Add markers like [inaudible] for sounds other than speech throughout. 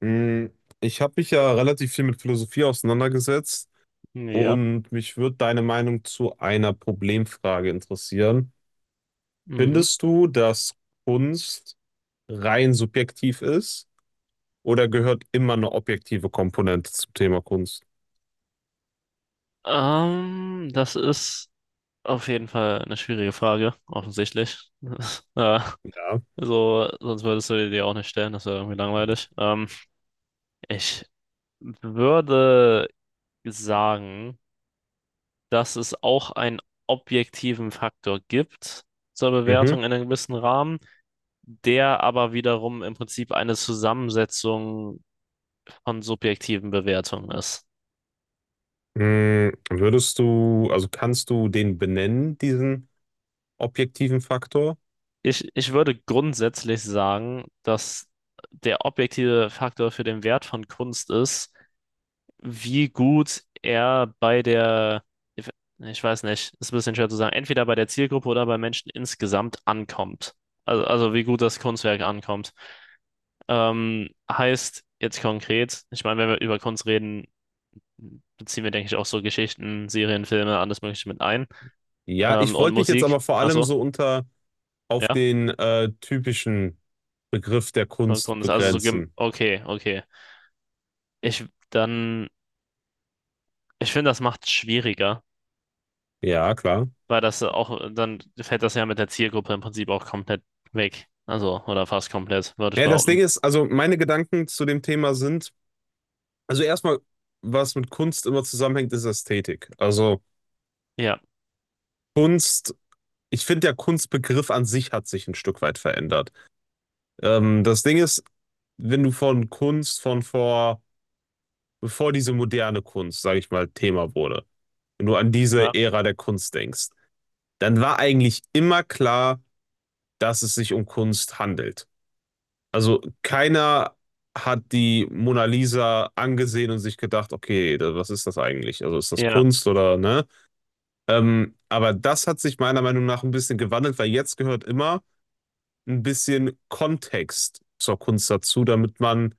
Mm, Ich habe mich ja relativ viel mit Philosophie auseinandergesetzt Ja. und mich würde deine Meinung zu einer Problemfrage interessieren. Mhm. Findest du, dass Kunst rein subjektiv ist oder gehört immer eine objektive Komponente zum Thema Kunst? Das ist auf jeden Fall eine schwierige Frage, offensichtlich. [laughs] Ja. Ja, so, sonst würdest du die dir auch nicht stellen, das wäre irgendwie langweilig. Ich würde sagen, dass es auch einen objektiven Faktor gibt zur Bewertung Mhm. in einem gewissen Rahmen, der aber wiederum im Prinzip eine Zusammensetzung von subjektiven Bewertungen ist. Würdest du, also kannst du den benennen, diesen objektiven Faktor? Ich würde grundsätzlich sagen, dass der objektive Faktor für den Wert von Kunst ist, wie gut er bei der, ich ich weiß nicht, ist ein bisschen schwer zu sagen, entweder bei der Zielgruppe oder bei Menschen insgesamt ankommt. Also wie gut das Kunstwerk ankommt. Heißt jetzt konkret, ich meine, wenn wir über Kunst reden, beziehen wir, denke ich, auch so Geschichten, Serien, Filme, alles Mögliche mit ein. Ja, Ähm, ich und wollte mich jetzt Musik, aber vor ach allem so, so unter auf ja, den typischen Begriff der Kunst Kunst, also so, begrenzen. okay, okay. Ich dann, ich finde, das macht es schwieriger, Ja, klar. weil das auch, dann fällt das ja mit der Zielgruppe im Prinzip auch komplett weg. Also, oder fast komplett, würde ich Ja, das Ding behaupten. ist, also meine Gedanken zu dem Thema sind, also erstmal, was mit Kunst immer zusammenhängt, ist Ästhetik. Also Ja, Kunst, ich finde, der Kunstbegriff an sich hat sich ein Stück weit verändert. Das Ding ist, wenn du von Kunst von vor, bevor diese moderne Kunst, sage ich mal, Thema wurde, wenn du an diese ja, Ära der Kunst denkst, dann war eigentlich immer klar, dass es sich um Kunst handelt. Also keiner hat die Mona Lisa angesehen und sich gedacht, okay, was ist das eigentlich? Also ist das ja, Kunst oder ne? Aber das hat sich meiner Meinung nach ein bisschen gewandelt, weil jetzt gehört immer ein bisschen Kontext zur Kunst dazu, damit man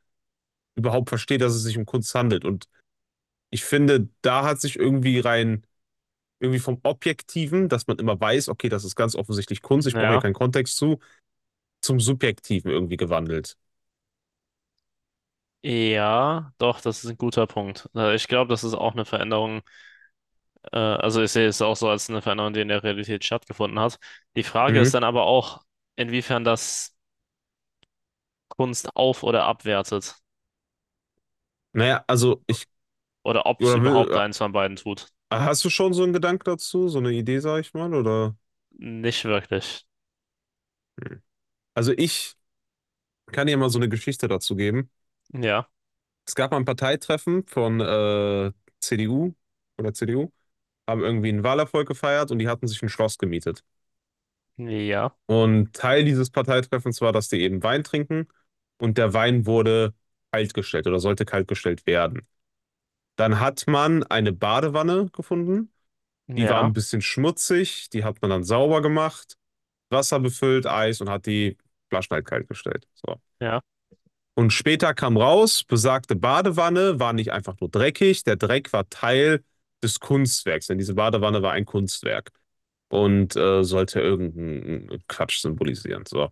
überhaupt versteht, dass es sich um Kunst handelt. Und ich finde, da hat sich irgendwie rein, irgendwie vom Objektiven, dass man immer weiß, okay, das ist ganz offensichtlich Kunst, ich brauche hier ja. keinen Kontext zu, zum Subjektiven irgendwie gewandelt. Ja, doch, das ist ein guter Punkt. Ich glaube, das ist auch eine Veränderung. Also ich sehe es auch so als eine Veränderung, die in der Realität stattgefunden hat. Die Frage ist Mhm. dann aber auch, inwiefern das Kunst auf- oder abwertet Naja, also ich. oder ob es Oder überhaupt will, eins von beiden tut. hast du schon so einen Gedanken dazu, so eine Idee, sag ich mal, oder? Nicht wirklich. Hm. Also ich kann dir mal so eine Geschichte dazu geben. Ja, Es gab mal ein Parteitreffen von CDU oder CDU, haben irgendwie einen Wahlerfolg gefeiert und die hatten sich ein Schloss gemietet. ja, Und Teil dieses Parteitreffens war, dass die eben Wein trinken und der Wein wurde kaltgestellt oder sollte kaltgestellt werden. Dann hat man eine Badewanne gefunden, die war ja. ein bisschen schmutzig, die hat man dann sauber gemacht. Wasser befüllt, Eis und hat die Flaschen halt kalt gestellt. So. Ja. Und später kam raus, besagte Badewanne war nicht einfach nur dreckig, der Dreck war Teil des Kunstwerks, denn diese Badewanne war ein Kunstwerk und sollte irgendeinen Quatsch symbolisieren. So.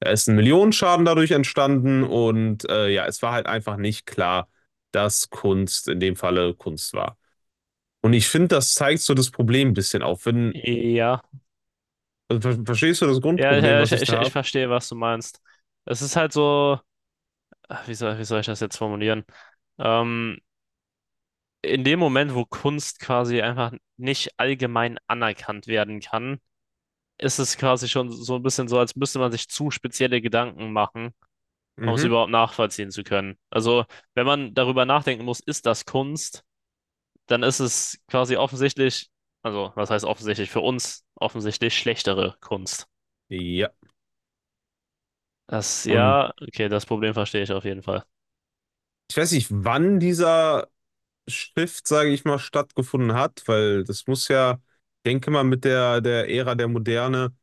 Da ist ein Millionenschaden dadurch entstanden und ja, es war halt einfach nicht klar, dass Kunst in dem Falle Kunst war. Und ich finde, das zeigt so das Problem ein bisschen auf. Wenn, Ja. also, verstehst du das Ja, Grundproblem, ja, ich, was ich ich, da ich habe? verstehe, was du meinst. Es ist halt so, ach, wie soll ich das jetzt formulieren? Ähm, in dem Moment, wo Kunst quasi einfach nicht allgemein anerkannt werden kann, ist es quasi schon so ein bisschen so, als müsste man sich zu spezielle Gedanken machen, um es Mhm. überhaupt nachvollziehen zu können. Also, wenn man darüber nachdenken muss, ist das Kunst, dann ist es quasi offensichtlich, also, was heißt offensichtlich für uns, offensichtlich schlechtere Kunst. Ja. Das, Und ja, okay, das Problem verstehe ich auf jeden Fall. ich weiß nicht, wann dieser Shift, sage ich mal, stattgefunden hat, weil das muss ja, denke mal, mit der, der Ära der Moderne,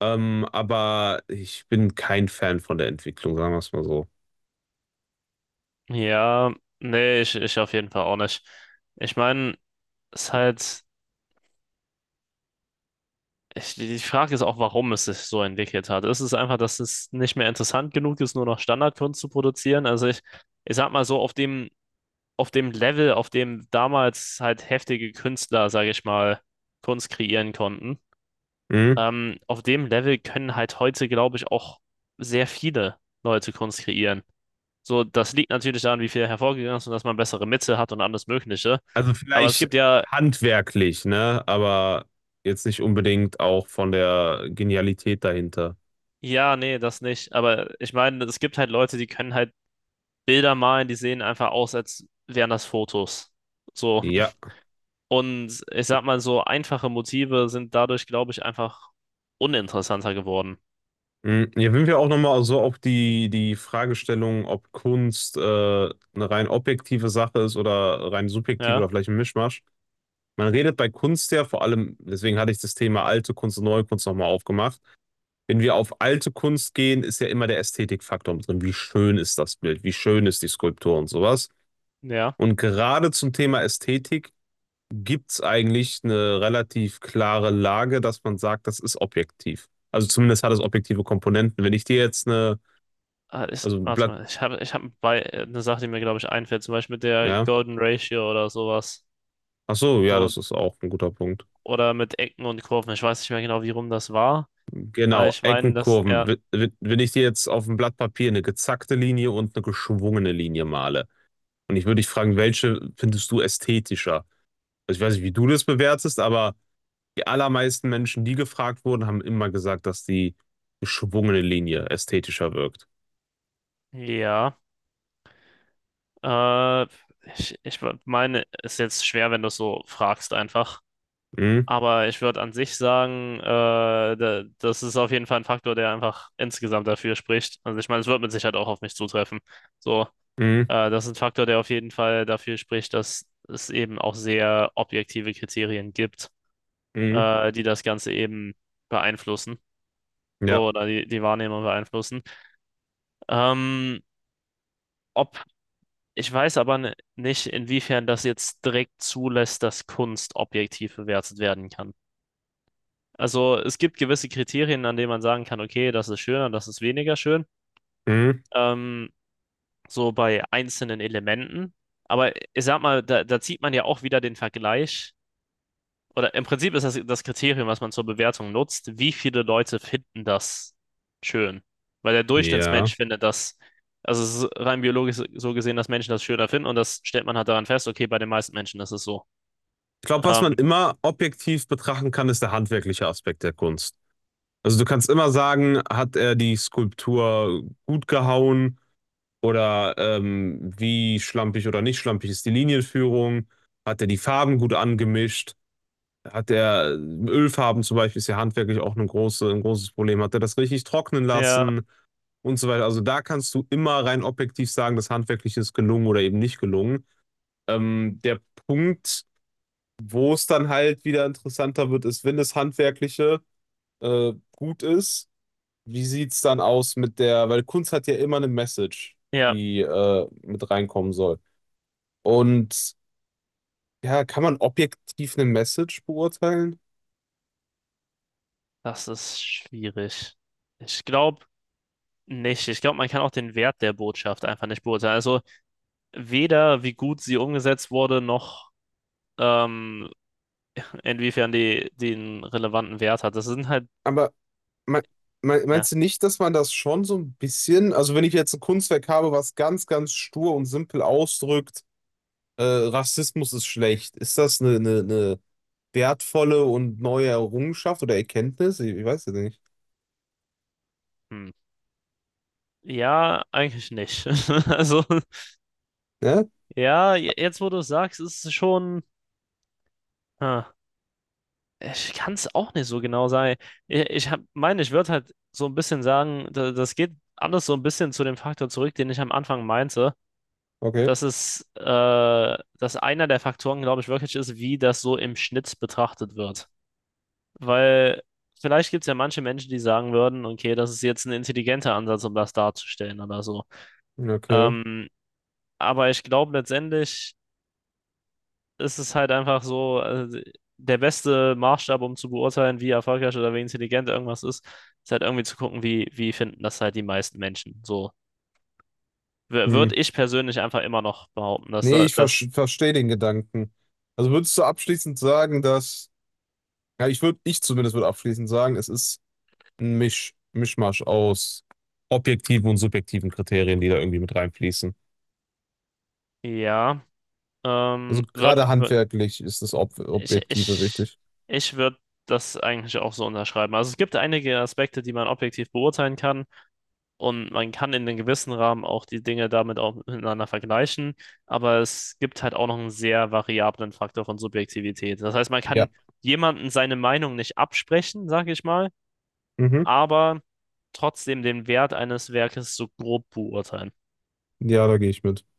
aber ich bin kein Fan von der Entwicklung, sagen wir es mal so. Ja, nee, ich auf jeden Fall auch nicht. Ich meine, es ist halt, die Frage ist auch, warum es sich so entwickelt hat. Ist es einfach, dass es nicht mehr interessant genug ist, nur noch Standardkunst zu produzieren? Also ich sag mal so, auf dem Level, auf dem damals halt heftige Künstler, sage ich mal, Kunst kreieren konnten, Mhm. Auf dem Level können halt heute, glaube ich, auch sehr viele Leute Kunst kreieren. So, das liegt natürlich daran, wie viel hervorgegangen ist und dass man bessere Mitte hat und alles Mögliche. Also Aber es vielleicht gibt ja, handwerklich, ne? Aber jetzt nicht unbedingt auch von der Genialität dahinter. ja, nee, das nicht. Aber ich meine, es gibt halt Leute, die können halt Bilder malen, die sehen einfach aus, als wären das Fotos. So. [laughs] Ja. Und ich sag mal, so einfache Motive sind dadurch, glaube ich, einfach uninteressanter geworden. Mhm. Hier sind wir auch nochmal so auf die, die Fragestellung, ob Kunst eine rein objektive Sache ist oder rein subjektiv Ja, oder vielleicht ein Mischmasch. Man redet bei Kunst ja vor allem, deswegen hatte ich das Thema alte Kunst und neue Kunst nochmal aufgemacht. Wenn wir auf alte Kunst gehen, ist ja immer der Ästhetikfaktor mit drin. Wie schön ist das Bild? Wie schön ist die Skulptur und sowas? ja. Und gerade zum Thema Ästhetik gibt es eigentlich eine relativ klare Lage, dass man sagt, das ist objektiv. Also zumindest hat es objektive Komponenten. Wenn ich dir jetzt eine, Ah, also ein warte Blatt, mal, ich habe ich hab bei, eine Sache, die mir, glaube ich, einfällt, zum Beispiel mit der ja, Golden Ratio oder sowas. ach so, ja, So, das ist auch ein guter Punkt. oder mit Ecken und Kurven. Ich weiß nicht mehr genau, wie rum das war. Aber Genau, ich meine, Ecken, dass Kurven. er, Wenn ich dir jetzt auf dem Blatt Papier eine gezackte Linie und eine geschwungene Linie male und ich würde dich fragen, welche findest du ästhetischer? Also ich weiß nicht, wie du das bewertest, aber die allermeisten Menschen, die gefragt wurden, haben immer gesagt, dass die geschwungene Linie ästhetischer wirkt. ja, äh, ich meine, ist jetzt schwer, wenn du es so fragst einfach. Hm, Aber ich würde an sich sagen, das ist auf jeden Fall ein Faktor, der einfach insgesamt dafür spricht. Also ich meine, es wird mit Sicherheit auch auf mich zutreffen. So, hm, das ist ein Faktor, der auf jeden Fall dafür spricht, dass es eben auch sehr objektive Kriterien gibt, hm. Die das Ganze eben beeinflussen. Ja, So, oder die Wahrnehmung beeinflussen. Ähm, ob Ich weiß aber nicht, inwiefern das jetzt direkt zulässt, dass Kunst objektiv bewertet werden kann. Also es gibt gewisse Kriterien, an denen man sagen kann, okay, das ist schöner, das ist weniger schön. hm, Ähm, so bei einzelnen Elementen. Aber ich sag mal, da zieht man ja auch wieder den Vergleich oder im Prinzip ist das das Kriterium, was man zur Bewertung nutzt, wie viele Leute finden das schön. Weil der ja. Durchschnittsmensch findet das, also es ist rein biologisch so gesehen, dass Menschen das schöner finden und das stellt man halt daran fest, okay, bei den meisten Menschen ist es so. Ich glaube, was man Ähm, immer objektiv betrachten kann, ist der handwerkliche Aspekt der Kunst. Also du kannst immer sagen, hat er die Skulptur gut gehauen? Oder wie schlampig oder nicht schlampig ist die Linienführung? Hat er die Farben gut angemischt? Hat er Ölfarben zum Beispiel, ist ja handwerklich auch eine große, ein großes Problem. Hat er das richtig trocknen ja, lassen und so weiter? Also da kannst du immer rein objektiv sagen, das handwerklich ist gelungen oder eben nicht gelungen. Der Punkt, wo es dann halt wieder interessanter wird, ist, wenn das Handwerkliche gut ist, wie sieht es dann aus mit der, weil Kunst hat ja immer eine Message, ja, die mit reinkommen soll. Und ja, kann man objektiv eine Message beurteilen? das ist schwierig. Ich glaube nicht. Ich glaube, man kann auch den Wert der Botschaft einfach nicht beurteilen. Also weder wie gut sie umgesetzt wurde, noch ähm, inwiefern die den relevanten Wert hat. Das sind halt, Aber me me ja. meinst du nicht, dass man das schon so ein bisschen, also wenn ich jetzt ein Kunstwerk habe, was ganz, ganz stur und simpel ausdrückt, Rassismus ist schlecht, ist das eine wertvolle und neue Errungenschaft oder Erkenntnis? Ich weiß es nicht. Hm. Ja, eigentlich nicht. [laughs] Also, Ja? ja, jetzt wo du es sagst, ist es schon. Ah, ich kann es auch nicht so genau sagen. Ich meine, ich würde halt so ein bisschen sagen, das geht alles so ein bisschen zu dem Faktor zurück, den ich am Anfang meinte. Okay. Das ist, dass einer der Faktoren, glaube ich, wirklich ist, wie das so im Schnitt betrachtet wird. Weil vielleicht gibt es ja manche Menschen, die sagen würden, okay, das ist jetzt ein intelligenter Ansatz, um das darzustellen oder so. Okay. Ähm, aber ich glaube letztendlich ist es halt einfach so, also der beste Maßstab, um zu beurteilen, wie erfolgreich oder wie intelligent irgendwas ist, ist halt irgendwie zu gucken, wie finden das halt die meisten Menschen. So, Hm. würde ich persönlich einfach immer noch behaupten, dass Nee, ich das, verstehe den Gedanken. Also würdest du abschließend sagen, dass, ja, ich würde, ich zumindest würde abschließend sagen, es ist ein Mischmasch aus objektiven und subjektiven Kriterien, die da irgendwie mit reinfließen. ja, Also ähm, würd, gerade würd, handwerklich ist das Ob ich, Objektive ich, wichtig. ich würde das eigentlich auch so unterschreiben. Also es gibt einige Aspekte, die man objektiv beurteilen kann. Und man kann in einem gewissen Rahmen auch die Dinge damit auch miteinander vergleichen, aber es gibt halt auch noch einen sehr variablen Faktor von Subjektivität. Das heißt, man kann Ja. jemanden seine Meinung nicht absprechen, sage ich mal, Mhm. aber trotzdem den Wert eines Werkes so grob beurteilen. Ja, da gehe ich mit.